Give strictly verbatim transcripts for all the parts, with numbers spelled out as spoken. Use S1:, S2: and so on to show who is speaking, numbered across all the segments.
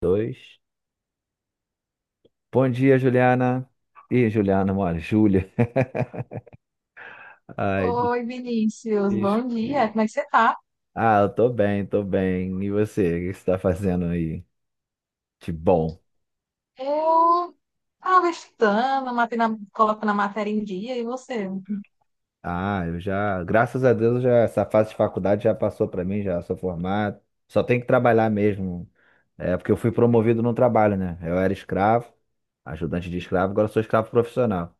S1: Dois. Bom dia, Juliana. Ih, Juliana, mano, Júlia. Ai, des-
S2: Oi, Vinícius, bom dia,
S1: desculpa.
S2: como é que você tá?
S1: Ah, eu tô bem, tô bem. E você, o que você tá fazendo aí de bom?
S2: Eu tava estudando, matei na- coloco na matéria em dia, e você?
S1: Ah, eu já, graças a Deus, já essa fase de faculdade já passou pra mim, já sou formado. Só tenho que trabalhar mesmo. É porque eu fui promovido no trabalho, né? Eu era escravo, ajudante de escravo, agora eu sou escravo profissional.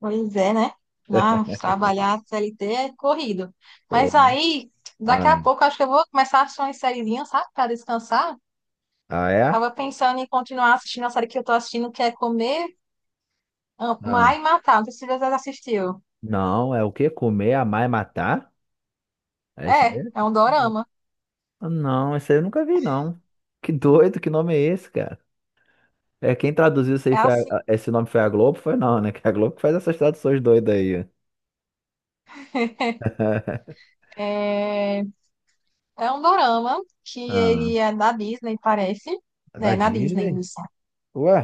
S2: Pois é, né? Ah, trabalhar C L T é corrido.
S1: Pô,
S2: Mas
S1: mas-
S2: aí, daqui
S1: Ah,
S2: a pouco, acho que eu vou começar a assistir uma sériezinha, sabe, pra descansar.
S1: ah, é?
S2: Tava pensando em continuar assistindo a série que eu tô assistindo, que é Comer,
S1: Ah.
S2: Amar e Matar. Não sei se você já assistiu.
S1: Não, é o quê? Comer, amar e matar? É isso
S2: É,
S1: mesmo?
S2: é um dorama.
S1: Ah, não, esse aí eu nunca vi, não. Que doido, que nome é esse, cara? É, quem traduziu isso aí
S2: É
S1: foi
S2: assim.
S1: a- a- esse nome foi a Globo? Foi não, né? Que é a Globo que faz essas traduções doidas aí.
S2: é, É um dorama que
S1: Ah,
S2: ele é da Disney, parece.
S1: é da
S2: É, na Disney,
S1: Disney?
S2: isso.
S1: Ué,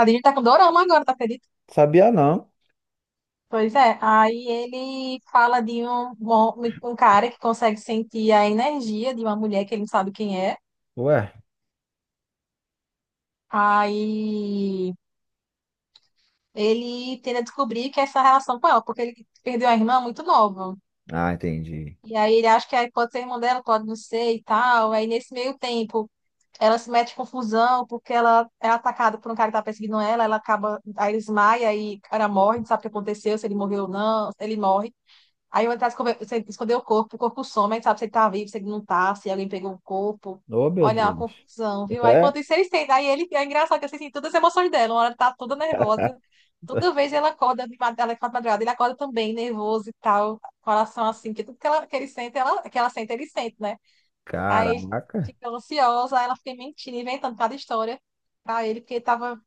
S2: A Disney tá com dorama agora, tá, acredita?
S1: sabia não.
S2: Pois é. Aí ele fala de um, um cara que consegue sentir a energia de uma mulher que ele não sabe quem é.
S1: Ué.
S2: Aí ele tenta descobrir que é essa relação com ela, porque ele perdeu a irmã muito nova.
S1: Ah, entendi.
S2: E aí ele acha que aí pode ser irmã dela, pode não ser e tal. Aí nesse meio tempo, ela se mete em confusão porque ela é atacada por um cara que tá perseguindo ela, ela acaba, aí ele desmaia e o cara morre, não sabe o que aconteceu, se ele morreu ou não, ele morre. Aí ele tá esconder, esconder o corpo, o corpo some, aí não sabe se ele tá vivo, se ele não tá, se alguém pegou o corpo.
S1: Oh, meu
S2: Olha, é uma
S1: Deus.
S2: confusão, viu? Aí enquanto isso eles têm, aí ele, é engraçado que assim, tem todas as emoções dela, uma hora ela tá toda
S1: É?
S2: nervosa, toda vez ela acorda, de mad- ela acorda de madrugada, ele acorda também, nervoso e tal, coração assim, que tudo que, ela, que ele sente, ela, que ela sente, ele sente, né? Aí ele
S1: Caraca.
S2: ficou ansiosa, aí ela fica mentindo, inventando cada história pra ele, porque tava.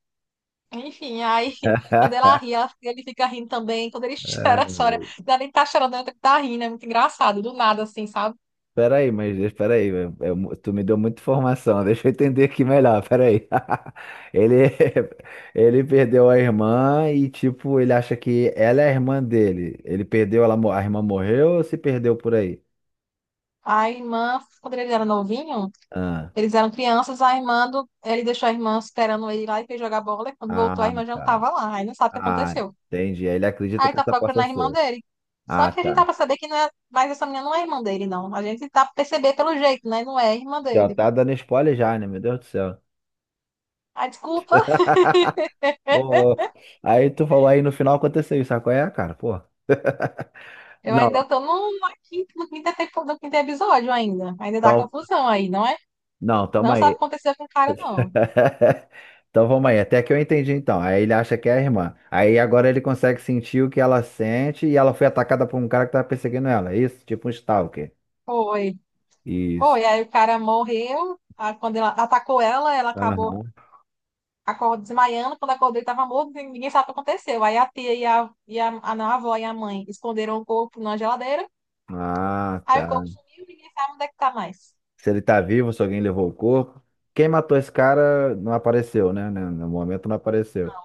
S2: Enfim, aí quando ela ri, ela- ele fica rindo também. Quando ele chora, chora. Não é nem tá chorando, ele tá rindo. É muito engraçado, do nada, assim, sabe?
S1: Pera aí, mas espera aí, eu- eu- tu me deu muita informação, deixa eu entender aqui melhor, pera aí. Ele, ele perdeu a irmã e, tipo, ele acha que ela é a irmã dele. Ele perdeu, ela, mo- a irmã morreu ou se perdeu por aí?
S2: A irmã, quando eles eram novinhos,
S1: Ah,
S2: eles eram crianças, a irmã do... ele deixou a irmã esperando ele lá e foi jogar bola. E quando voltou, a
S1: ah,
S2: irmã já não
S1: tá.
S2: tava lá. Aí não sabe o que
S1: Ah,
S2: aconteceu.
S1: entendi. Ele acredita
S2: Aí
S1: que
S2: tá
S1: essa
S2: procurando
S1: possa
S2: a irmã
S1: ser.
S2: dele. Só
S1: Ah,
S2: que a gente
S1: tá.
S2: tá pra saber que não é. Mas essa menina não é irmã dele, não. A gente tá pra perceber pelo jeito, né? Não é irmã
S1: Já
S2: dele.
S1: tá dando spoiler já, né? Meu Deus do céu.
S2: Ah, desculpa,
S1: Pô, aí tu falou aí no final aconteceu isso, sabe qual é, cara? Pô.
S2: eu
S1: Não,
S2: ainda tô no, na quinta, no quinto, epi- no quinto episódio ainda. Ainda dá
S1: então,
S2: confusão aí, não é?
S1: não, tamo
S2: Não sabe o
S1: aí.
S2: que aconteceu com o cara, não.
S1: Então vamos aí, até que eu entendi então. Aí ele acha que é a irmã. Aí agora ele consegue sentir o que ela sente e ela foi atacada por um cara que tava perseguindo ela. Isso, tipo um stalker.
S2: Foi.
S1: Isso.
S2: Foi. Aí o cara morreu. Aí quando ela atacou ela, ela acabou
S1: Aham.
S2: acordando, desmaiando. Quando acordou, ele tava morto, e ninguém sabe o que aconteceu. Aí a tia e a, e a, a, não, a avó e a mãe esconderam o corpo na geladeira.
S1: Ah,
S2: Aí o
S1: tá.
S2: corpo sumiu, ninguém sabe onde é que tá mais.
S1: Se ele tá vivo, se alguém levou o corpo. Quem matou esse cara não apareceu, né? né, No momento não apareceu.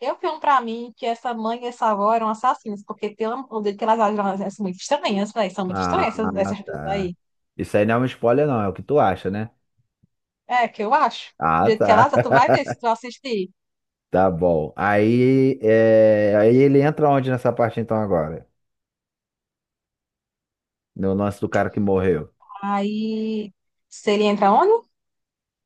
S2: Eu filmo pra mim que essa mãe e essa avó eram assassinas, porque pelo amor de Deus, que elas agem assim, muito estranhas, véi, são muito
S1: Ah,
S2: estranhas essas, essas duas
S1: tá.
S2: aí.
S1: Isso aí não é um spoiler, não, é o que tu acha, né?
S2: É, que eu acho. Do
S1: Ah,
S2: jeito que
S1: tá.
S2: ela tá, tu vai ver se tu assistir.
S1: Tá bom. Aí, é, aí ele entra onde nessa parte então agora? No lance do cara que morreu.
S2: Aí, se ele entra onde?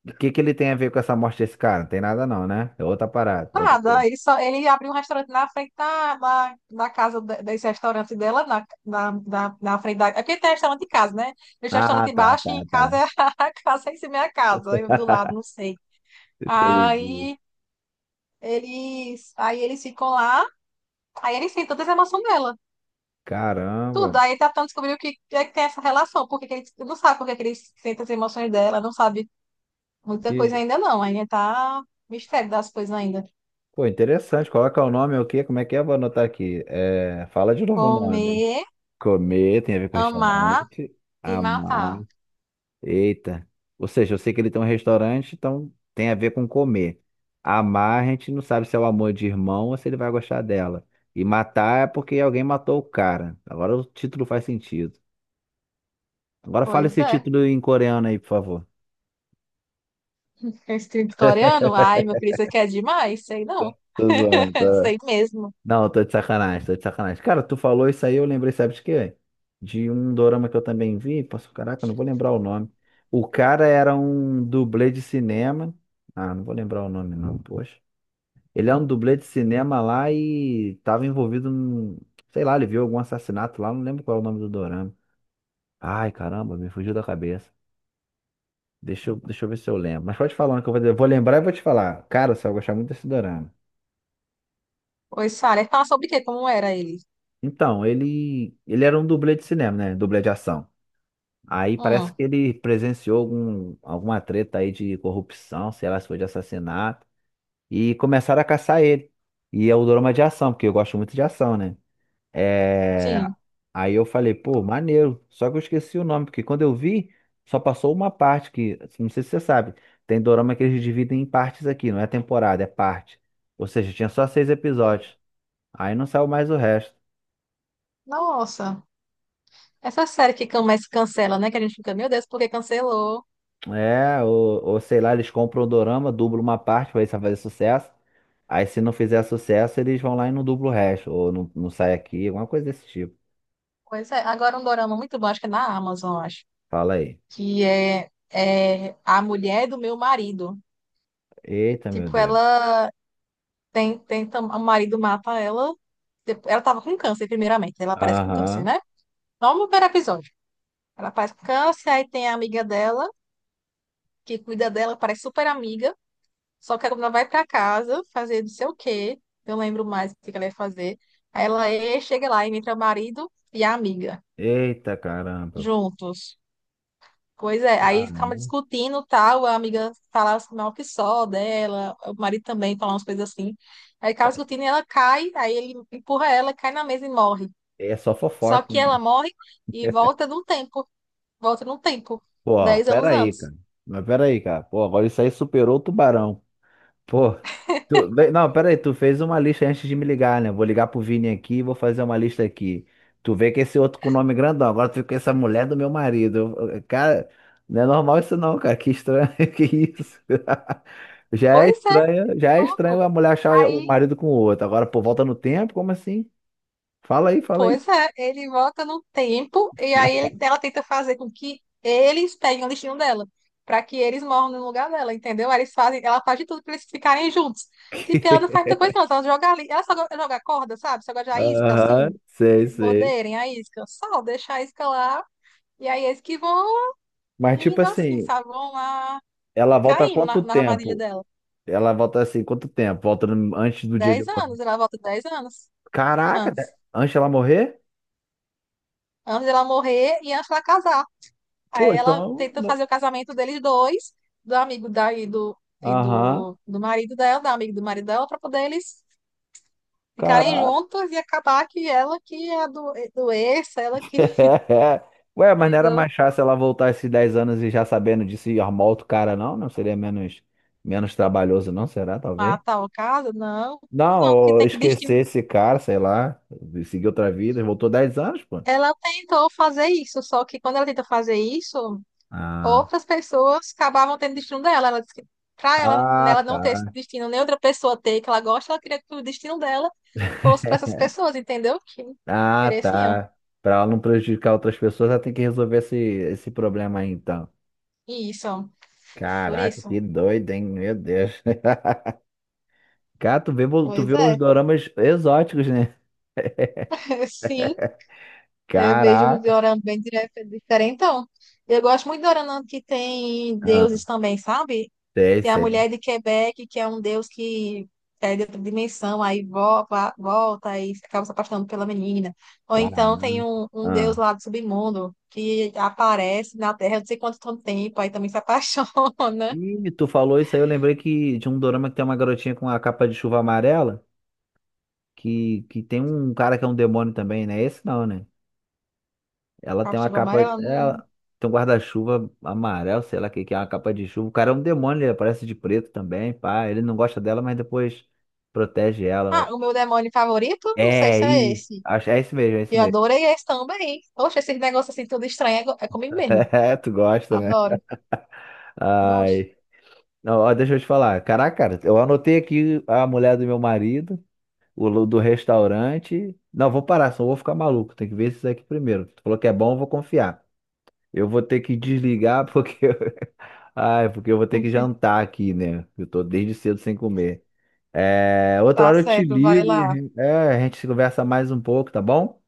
S1: O que que ele tem a ver com essa morte desse cara? Não tem nada não, né? É outra parada, outra coisa.
S2: Nada. Ele, só, ele abriu um restaurante na frente da, da, da casa de- desse restaurante dela, na, na, na, na frente da. É porque tem restaurante em casa, né? Esse
S1: Ah,
S2: restaurante
S1: tá,
S2: embaixo e
S1: tá,
S2: em casa
S1: tá.
S2: é a casa em cima é a casa. Eu do lado, não sei.
S1: Entendi.
S2: Aí eles, aí eles ficam lá, aí eles sentem todas as emoções dela.
S1: Caramba.
S2: Tudo. Aí ele tá tentando descobrir o que é que tem essa relação, porque que ele não sabe por que que ele sente as emoções dela, não sabe. Muita coisa
S1: Que...
S2: ainda não, ainda tá mistério das coisas ainda.
S1: Pô, interessante. Coloca o nome, o quê? Como é que é? Vou anotar aqui. É... Fala de novo o nome.
S2: Comer,
S1: Comer tem a ver com
S2: amar
S1: restaurante.
S2: e
S1: Amar.
S2: matar.
S1: Eita. Ou seja, eu sei que ele tem um restaurante, então tem a ver com comer. Amar, a gente não sabe se é o amor de irmão ou se ele vai gostar dela. E matar é porque alguém matou o cara. Agora o título faz sentido. Agora fala
S2: Pois
S1: esse
S2: é.
S1: título em coreano aí, por favor.
S2: Instinto coreano? Ai, meu filho, isso aqui é demais. Sei não.
S1: Tô zoando, tá?
S2: Sei mesmo.
S1: Não, tô de sacanagem, tô de sacanagem. Cara, tu falou isso aí, eu lembrei, sabe de quê? De um dorama que eu também vi. Posso, caraca, não vou lembrar o nome. O cara era um dublê de cinema. Ah, não vou lembrar o nome, não, poxa. Ele é um dublê de cinema lá e tava envolvido num. Sei lá, ele viu algum assassinato lá, não lembro qual é o nome do dorama. Ai, caramba, me fugiu da cabeça. Deixa eu, deixa eu ver se eu lembro. Mas pode falar um que eu vou, eu vou lembrar e vou te falar. Cara, você vai gostar muito desse dorama.
S2: Pois, Sara, fala sobre o quê? Como era ele?
S1: Então, ele, ele era um dublê de cinema, né? Dublê de ação. Aí parece
S2: Hum,
S1: que ele presenciou algum, alguma treta aí de corrupção, sei lá se foi de assassinato, e começaram a caçar ele. E é o drama de ação, porque eu gosto muito de ação, né? É...
S2: sim.
S1: Aí eu falei, pô, maneiro. Só que eu esqueci o nome, porque quando eu vi, só passou uma parte que, não sei se você sabe, tem dorama que eles dividem em partes aqui, não é temporada, é parte. Ou seja, tinha só seis episódios. Aí não saiu mais o resto.
S2: Nossa. Essa série que começa cancela, né? Que a gente fica, meu Deus, por que cancelou?
S1: É, ou, ou sei lá, eles compram o dorama, dublam uma parte pra ver se vai fazer sucesso. Aí se não fizer sucesso, eles vão lá e não dublam o resto. Ou não, não sai aqui, alguma coisa desse tipo.
S2: Pois é. Agora um dorama muito bom, acho que é na Amazon, acho.
S1: Fala aí.
S2: Que é, é A Mulher do Meu Marido.
S1: Eita, meu
S2: Tipo,
S1: Deus.
S2: ela Tem, tem, tam- o marido mata ela. Dep- Ela tava com câncer, primeiramente. Ela aparece com câncer,
S1: Aham.
S2: né? Não no primeiro episódio. Ela aparece com câncer, aí tem a amiga dela, que cuida dela, parece super amiga. Só que quando ela vai pra casa fazer não sei o quê, eu lembro mais o que que ela ia fazer. Aí ela e- chega lá e entra o marido e a amiga,
S1: Eita, caramba.
S2: juntos. Pois é, aí
S1: Ah,
S2: ficava
S1: não.
S2: discutindo tal, a amiga falava mal que só dela, o marido também falava umas coisas assim. Aí acaba discutindo e ela cai, aí ele empurra ela, cai na mesa e morre.
S1: É só
S2: Só
S1: fofoca,
S2: que ela
S1: hein?
S2: morre e volta no tempo. Volta no tempo.
S1: Pô,
S2: Dez anos
S1: peraí,
S2: antes.
S1: cara. Mas peraí, cara. Pô, agora isso aí superou o tubarão. Pô, tu, bem, não, pera aí, tu fez uma lista antes de me ligar, né? Vou ligar pro Vini aqui e vou fazer uma lista aqui. Tu vê que esse outro com nome grandão, agora tu fica com essa mulher é do meu marido. Eu- eu- Cara, não é normal isso não, cara. Que estranho, que isso? Já é
S2: Pois é,
S1: estranho, já é estranho
S2: louco.
S1: a mulher achar o
S2: Aí,
S1: marido com o outro. Agora, pô, volta no tempo, como assim? Fala aí, fala aí.
S2: pois é, ele volta no tempo e aí ele- ela tenta fazer com que eles peguem o destino dela. Pra que eles morram no lugar dela, entendeu? Aí eles fazem, ela faz de tudo pra eles ficarem juntos. Tipo, ela não faz muita coisa, não. Ela joga ali. Ela só go- joga corda, sabe? Só joga a isca,
S1: Aham,
S2: assim. Pra
S1: sei,
S2: eles
S1: sei.
S2: morderem a isca. Só deixa a isca lá. E aí eles que vão
S1: Mas tipo
S2: indo assim,
S1: assim,
S2: sabe? Vão lá
S1: ela
S2: e
S1: volta
S2: caindo
S1: quanto
S2: na na armadilha
S1: tempo?
S2: dela.
S1: Ela volta assim, quanto tempo? Volta no- antes do dia de
S2: Dez
S1: hoje?
S2: anos, ela volta dez anos
S1: Caraca, de-
S2: antes.
S1: antes ela morrer?
S2: Antes dela morrer e antes dela casar. Aí
S1: Pô,
S2: ela
S1: então.
S2: tenta
S1: n-
S2: fazer o casamento deles dois, do amigo da, e do, e
S1: Aham.
S2: do, do marido dela, da amiga do marido dela, para poder eles ficarem
S1: Caraca.
S2: juntos e acabar que ela que é a do, é, doença, ela que
S1: Ué, mas não era
S2: entendeu,
S1: mais fácil ela voltar esses dez anos e já sabendo disso e arrumar outro cara, não? Não seria menos, menos trabalhoso, não? Será, talvez?
S2: mata o caso. Não, não, que
S1: Não, eu
S2: tem que
S1: esqueci
S2: destino.
S1: esse cara, sei lá. Seguiu outra vida, voltou dez anos, pô.
S2: Ela tentou fazer isso, só que quando ela tenta fazer isso,
S1: Ah,
S2: outras pessoas acabavam tendo o destino dela. Ela disse que pra ela, ela
S1: ah,
S2: não
S1: tá.
S2: ter esse destino, nem outra pessoa ter que ela gosta, ela queria que o destino dela fosse para essas pessoas, entendeu? Que
S1: Ah,
S2: mereciam.
S1: tá. Pra ela não prejudicar outras pessoas, ela tem que resolver esse, esse problema aí, então.
S2: E isso, por
S1: Caraca,
S2: isso.
S1: que doido, hein? Meu Deus. Cara, tu vê, tu
S2: Pois
S1: vê os
S2: é,
S1: doramas exóticos, né?
S2: sim, eu vejo um
S1: Caraca.
S2: dorama bem dire- diferentão. Eu gosto muito de dorama que tem
S1: Ah,
S2: deuses também, sabe?
S1: sei,
S2: Tem a
S1: sei.
S2: mulher de Quebec, que é um deus que é de outra dimensão, aí volta, volta aí acaba se apaixonando pela menina. Ou então tem
S1: Caraca.
S2: um, um
S1: Ah.
S2: deus lá do submundo que aparece na Terra, não sei quanto tanto tempo, aí também se apaixona.
S1: E tu falou isso aí, eu lembrei que de um dorama que tem uma garotinha com a capa de chuva amarela, que, que tem um cara que é um demônio também, né? Esse não, né? Ela tem uma
S2: Captiva
S1: capa,
S2: amarela. Hum.
S1: ela tem um guarda-chuva amarelo, sei lá o que, que é uma capa de chuva. O cara é um demônio, ele aparece de preto também, pá. Ele não gosta dela, mas depois protege
S2: Ah,
S1: ela.
S2: o meu demônio favorito? Não sei
S1: É,
S2: se é
S1: e
S2: esse.
S1: acho, é isso mesmo, é isso
S2: Eu
S1: mesmo.
S2: adorei esse também. Poxa, esses negócios assim tudo estranho é, co- é comigo mesmo.
S1: É, tu gosta, né?
S2: Adoro. Gosto.
S1: Ai. Não, ó, deixa eu te falar. Caraca, cara, eu anotei aqui a mulher do meu marido, o lu- do restaurante. Não, vou parar, senão eu vou ficar maluco. Tem que ver isso aqui primeiro. Tu falou que é bom, eu vou confiar. Eu vou ter que desligar porque. Ai, porque eu vou ter que jantar aqui, né? Eu tô desde cedo sem comer. É, outra
S2: Tá
S1: hora eu te
S2: certo, vai
S1: ligo e a
S2: lá.
S1: gente é, a gente conversa mais um pouco, tá bom?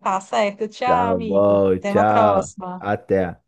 S2: Tá certo. Tchau,
S1: Tá
S2: amigo.
S1: bom,
S2: Até uma
S1: tchau.
S2: próxima.
S1: Até.